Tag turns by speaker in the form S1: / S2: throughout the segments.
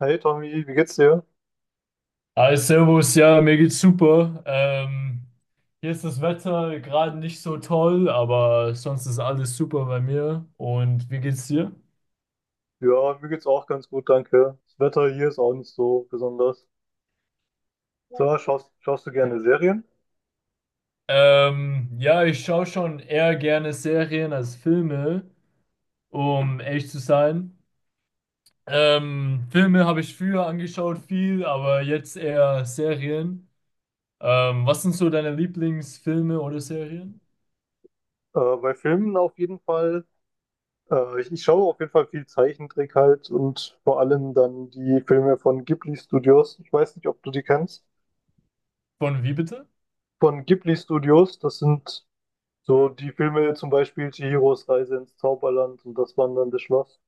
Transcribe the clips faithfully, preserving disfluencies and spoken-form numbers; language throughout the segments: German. S1: Hey Tommy, wie geht's dir?
S2: Hi, Servus, ja, mir geht's super. Ähm, hier ist das Wetter gerade nicht so toll, aber sonst ist alles super bei mir. Und wie geht's dir?
S1: Ja, mir geht's auch ganz gut, danke. Das Wetter hier ist auch nicht so besonders. So schaust, schaust du gerne Serien?
S2: Ähm, ja, ich schaue schon eher gerne Serien als Filme, um ehrlich zu sein. Ähm, Filme habe ich früher angeschaut viel, aber jetzt eher Serien. Ähm, was sind so deine Lieblingsfilme oder Serien?
S1: Äh, bei Filmen auf jeden Fall. Äh, ich, ich schaue auf jeden Fall viel Zeichentrick halt und vor allem dann die Filme von Ghibli Studios. Ich weiß nicht, ob du die kennst.
S2: Von wie bitte?
S1: Von Ghibli Studios, das sind so die Filme, zum Beispiel Chihiros Reise ins Zauberland und das Wandernde Schloss.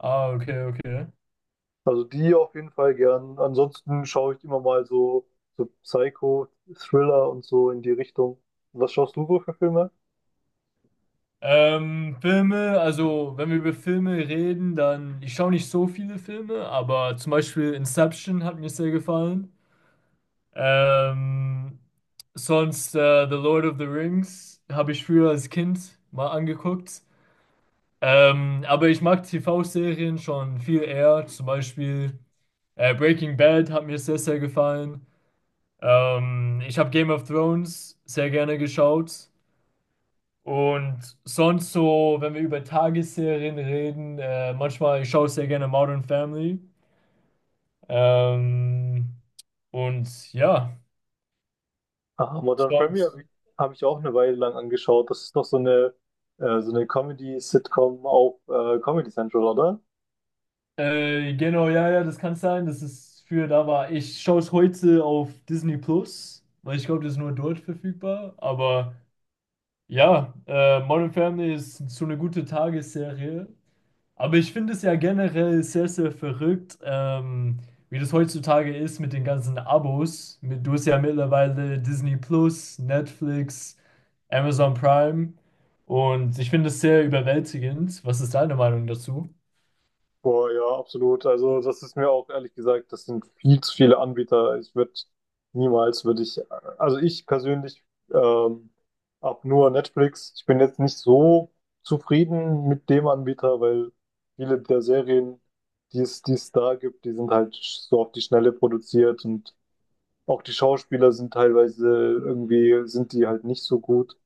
S2: Ah, okay, okay.
S1: Also die auf jeden Fall gern. Ansonsten schaue ich immer mal so, so Psycho, Thriller und so in die Richtung. Was schaust du so für Filme?
S2: Ähm, Filme, also wenn wir über Filme reden, dann ich schaue nicht so viele Filme, aber zum Beispiel Inception hat mir sehr gefallen. Ähm, Sonst äh, The Lord of the Rings habe ich früher als Kind mal angeguckt. Ähm, aber ich mag T V-Serien schon viel eher. Zum Beispiel äh, Breaking Bad hat mir sehr, sehr gefallen. Ähm, ich habe Game of Thrones sehr gerne geschaut. Und sonst so, wenn wir über Tagesserien reden, äh, manchmal, ich schaue sehr gerne Modern Family. Ähm, und ja,
S1: Ah, Modern Family
S2: sonst,
S1: habe ich, hab ich auch eine Weile lang angeschaut. Das ist doch so eine, äh, so eine Comedy-Sitcom auf äh, Comedy Central, oder?
S2: äh, genau, ja, ja, das kann sein, das ist für da war. Ich schaue es heute auf Disney Plus, weil ich glaube, das ist nur dort verfügbar. Aber ja, äh, Modern Family ist so eine gute Tagesserie. Aber ich finde es ja generell sehr, sehr verrückt, ähm, wie das heutzutage ist mit den ganzen Abos. Mit, du hast ja mittlerweile Disney Plus, Netflix, Amazon Prime. Und ich finde es sehr überwältigend. Was ist deine Meinung dazu?
S1: Boah, ja, absolut. Also, das ist mir auch ehrlich gesagt, das sind viel zu viele Anbieter. Ich würde niemals, würde ich, also ich persönlich ähm, habe nur Netflix. Ich bin jetzt nicht so zufrieden mit dem Anbieter, weil viele der Serien, die es, die es da gibt, die sind halt so auf die Schnelle produziert, und auch die Schauspieler sind teilweise irgendwie, sind die halt nicht so gut.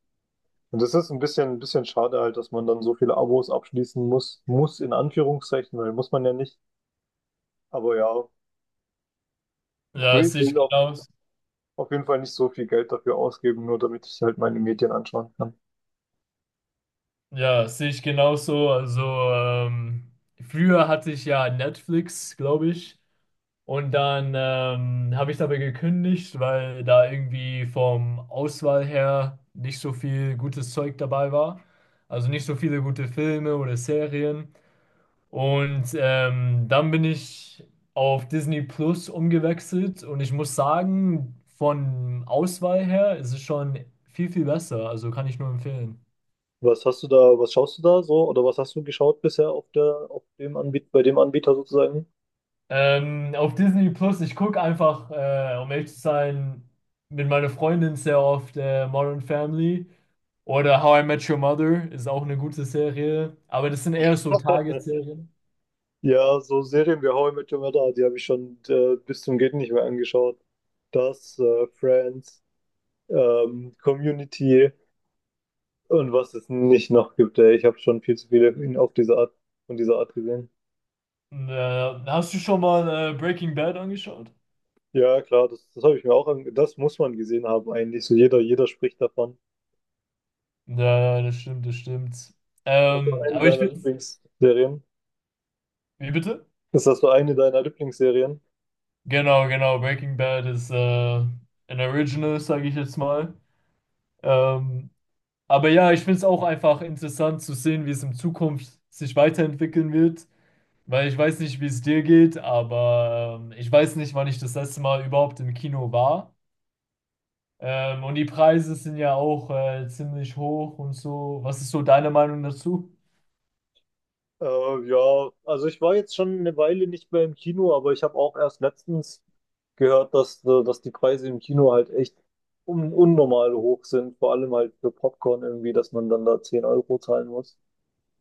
S1: Und das ist ein bisschen, ein bisschen schade halt, dass man dann so viele Abos abschließen muss, muss in Anführungszeichen, weil muss man ja nicht. Aber ja, ich
S2: Ja,
S1: will,
S2: das
S1: ich
S2: sehe ich
S1: will auch
S2: genauso.
S1: auf jeden Fall nicht so viel Geld dafür ausgeben, nur damit ich halt meine Medien anschauen kann.
S2: Ja, das sehe ich genauso. Also, ähm, früher hatte ich ja Netflix, glaube ich. Und dann ähm, habe ich dabei gekündigt, weil da irgendwie vom Auswahl her nicht so viel gutes Zeug dabei war. Also nicht so viele gute Filme oder Serien. Und ähm, dann bin ich auf Disney Plus umgewechselt und ich muss sagen, von Auswahl her ist es schon viel, viel besser. Also kann ich nur empfehlen.
S1: Was hast du da, was schaust du da so, oder was hast du geschaut bisher auf der, auf dem Anbieter, bei dem Anbieter sozusagen?
S2: Ähm, auf Disney Plus, ich gucke einfach, äh, um ehrlich zu sein, mit meiner Freundin sehr oft äh, Modern Family oder How I Met Your Mother ist auch eine gute Serie, aber das sind eher so Tagesserien.
S1: Ja, so Serien wie How I Met Your Mother, die habe ich schon äh, bis zum Geht nicht mehr angeschaut. Das, äh, Friends, ähm, Community und was es nicht noch gibt. Ey. Ich habe schon viel zu viele in- auf diese Art, von dieser Art gesehen.
S2: Und, äh, hast du schon mal äh, Breaking Bad angeschaut?
S1: Ja, klar, das, das habe ich mir auch ange Das muss man gesehen haben eigentlich. So jeder, jeder spricht davon.
S2: Ja, ja, das stimmt, das stimmt.
S1: Das war
S2: Ähm,
S1: eine
S2: aber ich
S1: deiner
S2: finde,
S1: Lieblingsserien.
S2: wie bitte?
S1: Ist das so eine deiner Lieblingsserien?
S2: Genau, genau, Breaking Bad ist äh, ein Original, sage ich jetzt mal. Ähm, Aber ja, ich finde es auch einfach interessant zu sehen, wie es in Zukunft sich weiterentwickeln wird, weil ich weiß nicht, wie es dir geht, aber ähm, ich weiß nicht, wann ich das letzte Mal überhaupt im Kino war. Ähm, und die Preise sind ja auch äh, ziemlich hoch und so. Was ist so deine Meinung dazu?
S1: Äh, ja, also ich war jetzt schon eine Weile nicht mehr im Kino, aber ich habe auch erst letztens gehört, dass, äh, dass die Preise im Kino halt echt un unnormal hoch sind. Vor allem halt für Popcorn irgendwie, dass man dann da zehn Euro zahlen muss.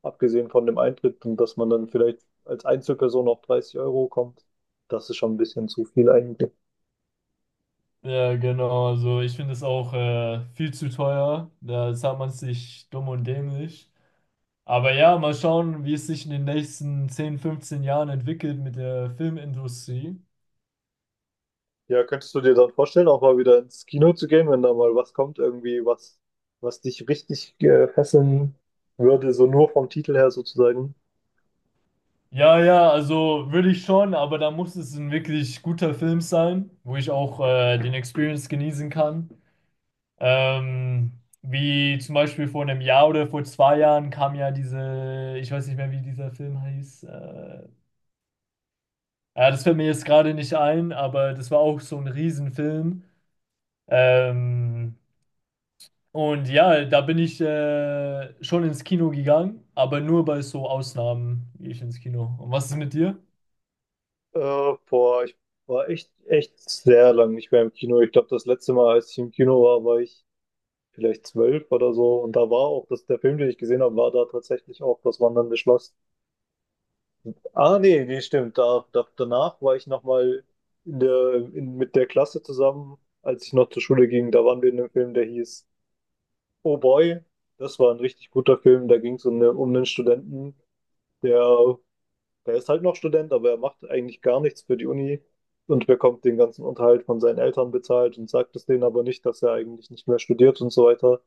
S1: Abgesehen von dem Eintritt, und dass man dann vielleicht als Einzelperson auf dreißig Euro kommt. Das ist schon ein bisschen zu viel eigentlich.
S2: Ja, genau. Also ich finde es auch äh, viel zu teuer. Da zahlt man sich dumm und dämlich. Aber ja, mal schauen, wie es sich in den nächsten zehn fünfzehn Jahren entwickelt mit der Filmindustrie.
S1: Ja, könntest du dir dann vorstellen, auch mal wieder ins Kino zu gehen, wenn da mal was kommt, irgendwie was, was dich richtig äh, fesseln würde, so nur vom Titel her sozusagen?
S2: Ja, ja, also würde ich schon, aber da muss es ein wirklich guter Film sein, wo ich auch äh, den Experience genießen kann. Ähm, wie zum Beispiel vor einem Jahr oder vor zwei Jahren kam ja diese, ich weiß nicht mehr, wie dieser Film hieß. Äh, ja, das fällt mir jetzt gerade nicht ein, aber das war auch so ein Riesenfilm. Ähm, und ja, da bin ich äh, schon ins Kino gegangen, aber nur bei so Ausnahmen gehe ich ins Kino. Und was ist mit dir?
S1: Äh, boah, ich war echt, echt sehr lang nicht mehr im Kino. Ich glaube, das letzte Mal, als ich im Kino war, war ich vielleicht zwölf oder so. Und da war auch das, der Film, den ich gesehen habe, war da tatsächlich auch das Wandernde Schloss. Ah, nee, nee, stimmt. Da, da, danach war ich nochmal in der, in, mit der Klasse zusammen, als ich noch zur Schule ging. Da waren wir in einem Film, der hieß. Oh Boy, das war ein richtig guter Film. Da ging es um, ne, um einen Studenten, der, der ist halt noch Student, aber er macht eigentlich gar nichts für die Uni und bekommt den ganzen Unterhalt von seinen Eltern bezahlt und sagt es denen aber nicht, dass er eigentlich nicht mehr studiert und so weiter.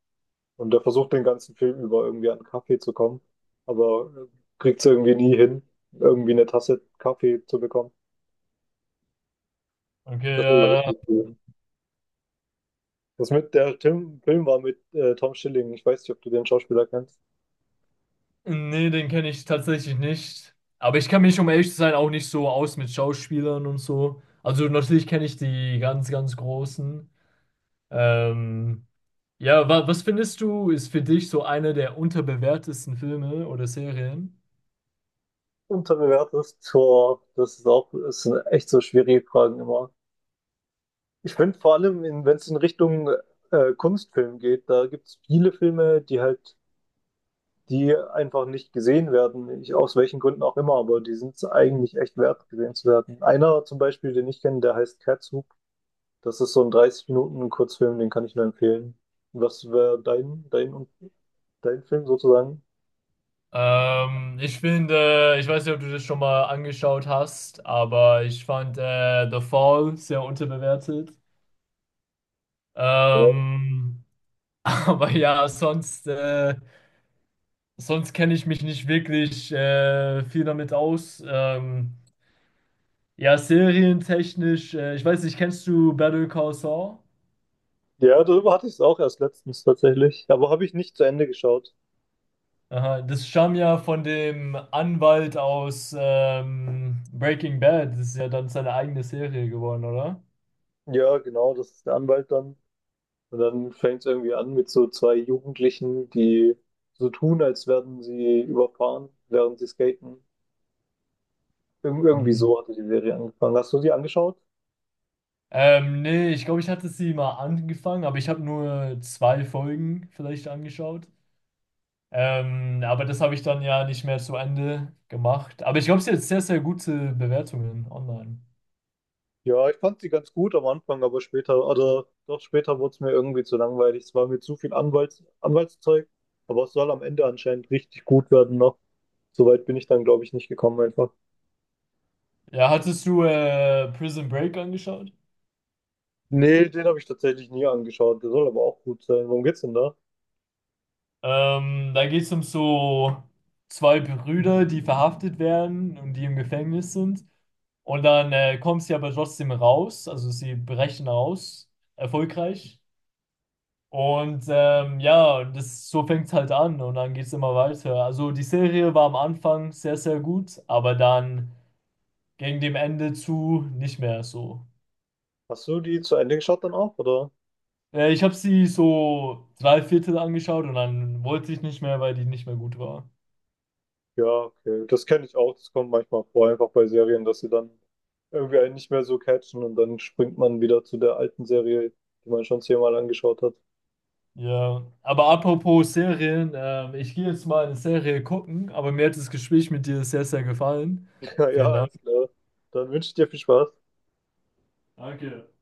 S1: Und er versucht den ganzen Film über irgendwie an Kaffee zu kommen, aber kriegt es irgendwie nie hin, irgendwie eine Tasse Kaffee zu bekommen. Das war
S2: Okay.
S1: richtig cool. Das mit der Tim Film war mit äh, Tom Schilling. Ich weiß nicht, ob du den Schauspieler kennst.
S2: Nee, den kenne ich tatsächlich nicht. Aber ich kann mich, um ehrlich zu sein, auch nicht so aus mit Schauspielern und so. Also natürlich kenne ich die ganz, ganz Großen. Ähm, ja, wa was findest du, ist für dich so einer der unterbewertesten Filme oder Serien?
S1: Unterbewertet, Tor, das ist auch, das sind echt so schwierige Fragen immer. Ich finde vor allem, wenn es in Richtung äh, Kunstfilm geht, da gibt es viele Filme, die halt, die einfach nicht gesehen werden, ich, aus welchen Gründen auch immer, aber die sind es eigentlich echt wert, gesehen zu werden. Einer zum Beispiel, den ich kenne, der heißt Catsup. Das ist so ein dreißig Minuten Kurzfilm, den kann ich nur empfehlen. Was wäre dein, dein, dein Film sozusagen?
S2: Ähm, ich finde, ich weiß nicht, ob du das schon mal angeschaut hast, aber ich fand äh, The Fall sehr unterbewertet. Ähm, aber ja, sonst. Äh, Sonst kenne ich mich nicht wirklich äh, viel damit aus. Ähm, ja, serientechnisch, äh, ich weiß nicht, kennst du Better Call Saul?
S1: Ja, darüber hatte ich es auch erst letztens tatsächlich, aber habe ich nicht zu Ende geschaut.
S2: Aha, das stammt ja von dem Anwalt aus ähm, Breaking Bad. Das ist ja dann seine eigene Serie geworden, oder?
S1: Ja, genau, das ist der Anwalt dann. Und dann fängt es irgendwie an mit so zwei Jugendlichen, die so tun, als werden sie überfahren, während sie skaten. Irg irgendwie
S2: Mhm.
S1: so hatte die Serie angefangen. Hast du sie angeschaut?
S2: Ähm, nee, ich glaube, ich hatte sie mal angefangen, aber ich habe nur zwei Folgen vielleicht angeschaut. Ähm, aber das habe ich dann ja nicht mehr zu Ende gemacht. Aber ich glaube, sie hat sehr, sehr gute Bewertungen online.
S1: Ja, ich fand sie ganz gut am Anfang, aber später, oder doch später wurde es mir irgendwie zu langweilig. Es war mir zu viel Anwalts Anwaltszeug, aber es soll am Ende anscheinend richtig gut werden noch. Soweit bin ich dann, glaube ich, nicht gekommen einfach.
S2: Ja, hattest du äh, Prison Break angeschaut?
S1: Nee, den habe ich tatsächlich nie angeschaut. Der soll aber auch gut sein. Worum geht's denn da?
S2: Ähm, da geht es um so zwei Brüder, die verhaftet werden und die im Gefängnis sind. Und dann äh, kommen sie aber trotzdem raus, also sie brechen raus, erfolgreich. Und ähm, ja, das, so fängt es halt an und dann geht es immer weiter. Also die Serie war am Anfang sehr, sehr gut, aber dann gegen dem Ende zu nicht mehr so.
S1: Hast du die zu Ende geschaut dann auch, oder?
S2: Äh, ich habe sie so drei Viertel angeschaut und dann wollte ich nicht mehr, weil die nicht mehr gut war.
S1: Ja, okay. Das kenne ich auch. Das kommt manchmal vor, einfach bei Serien, dass sie dann irgendwie einen nicht mehr so catchen, und dann springt man wieder zu der alten Serie, die man schon zehnmal angeschaut hat.
S2: Ja, aber apropos Serien, ähm, ich gehe jetzt mal eine Serie gucken, aber mir hat das Gespräch mit dir sehr, sehr gefallen.
S1: Ja, ja,
S2: Vielen Dank.
S1: alles klar. Dann wünsche ich dir viel Spaß.
S2: Danke.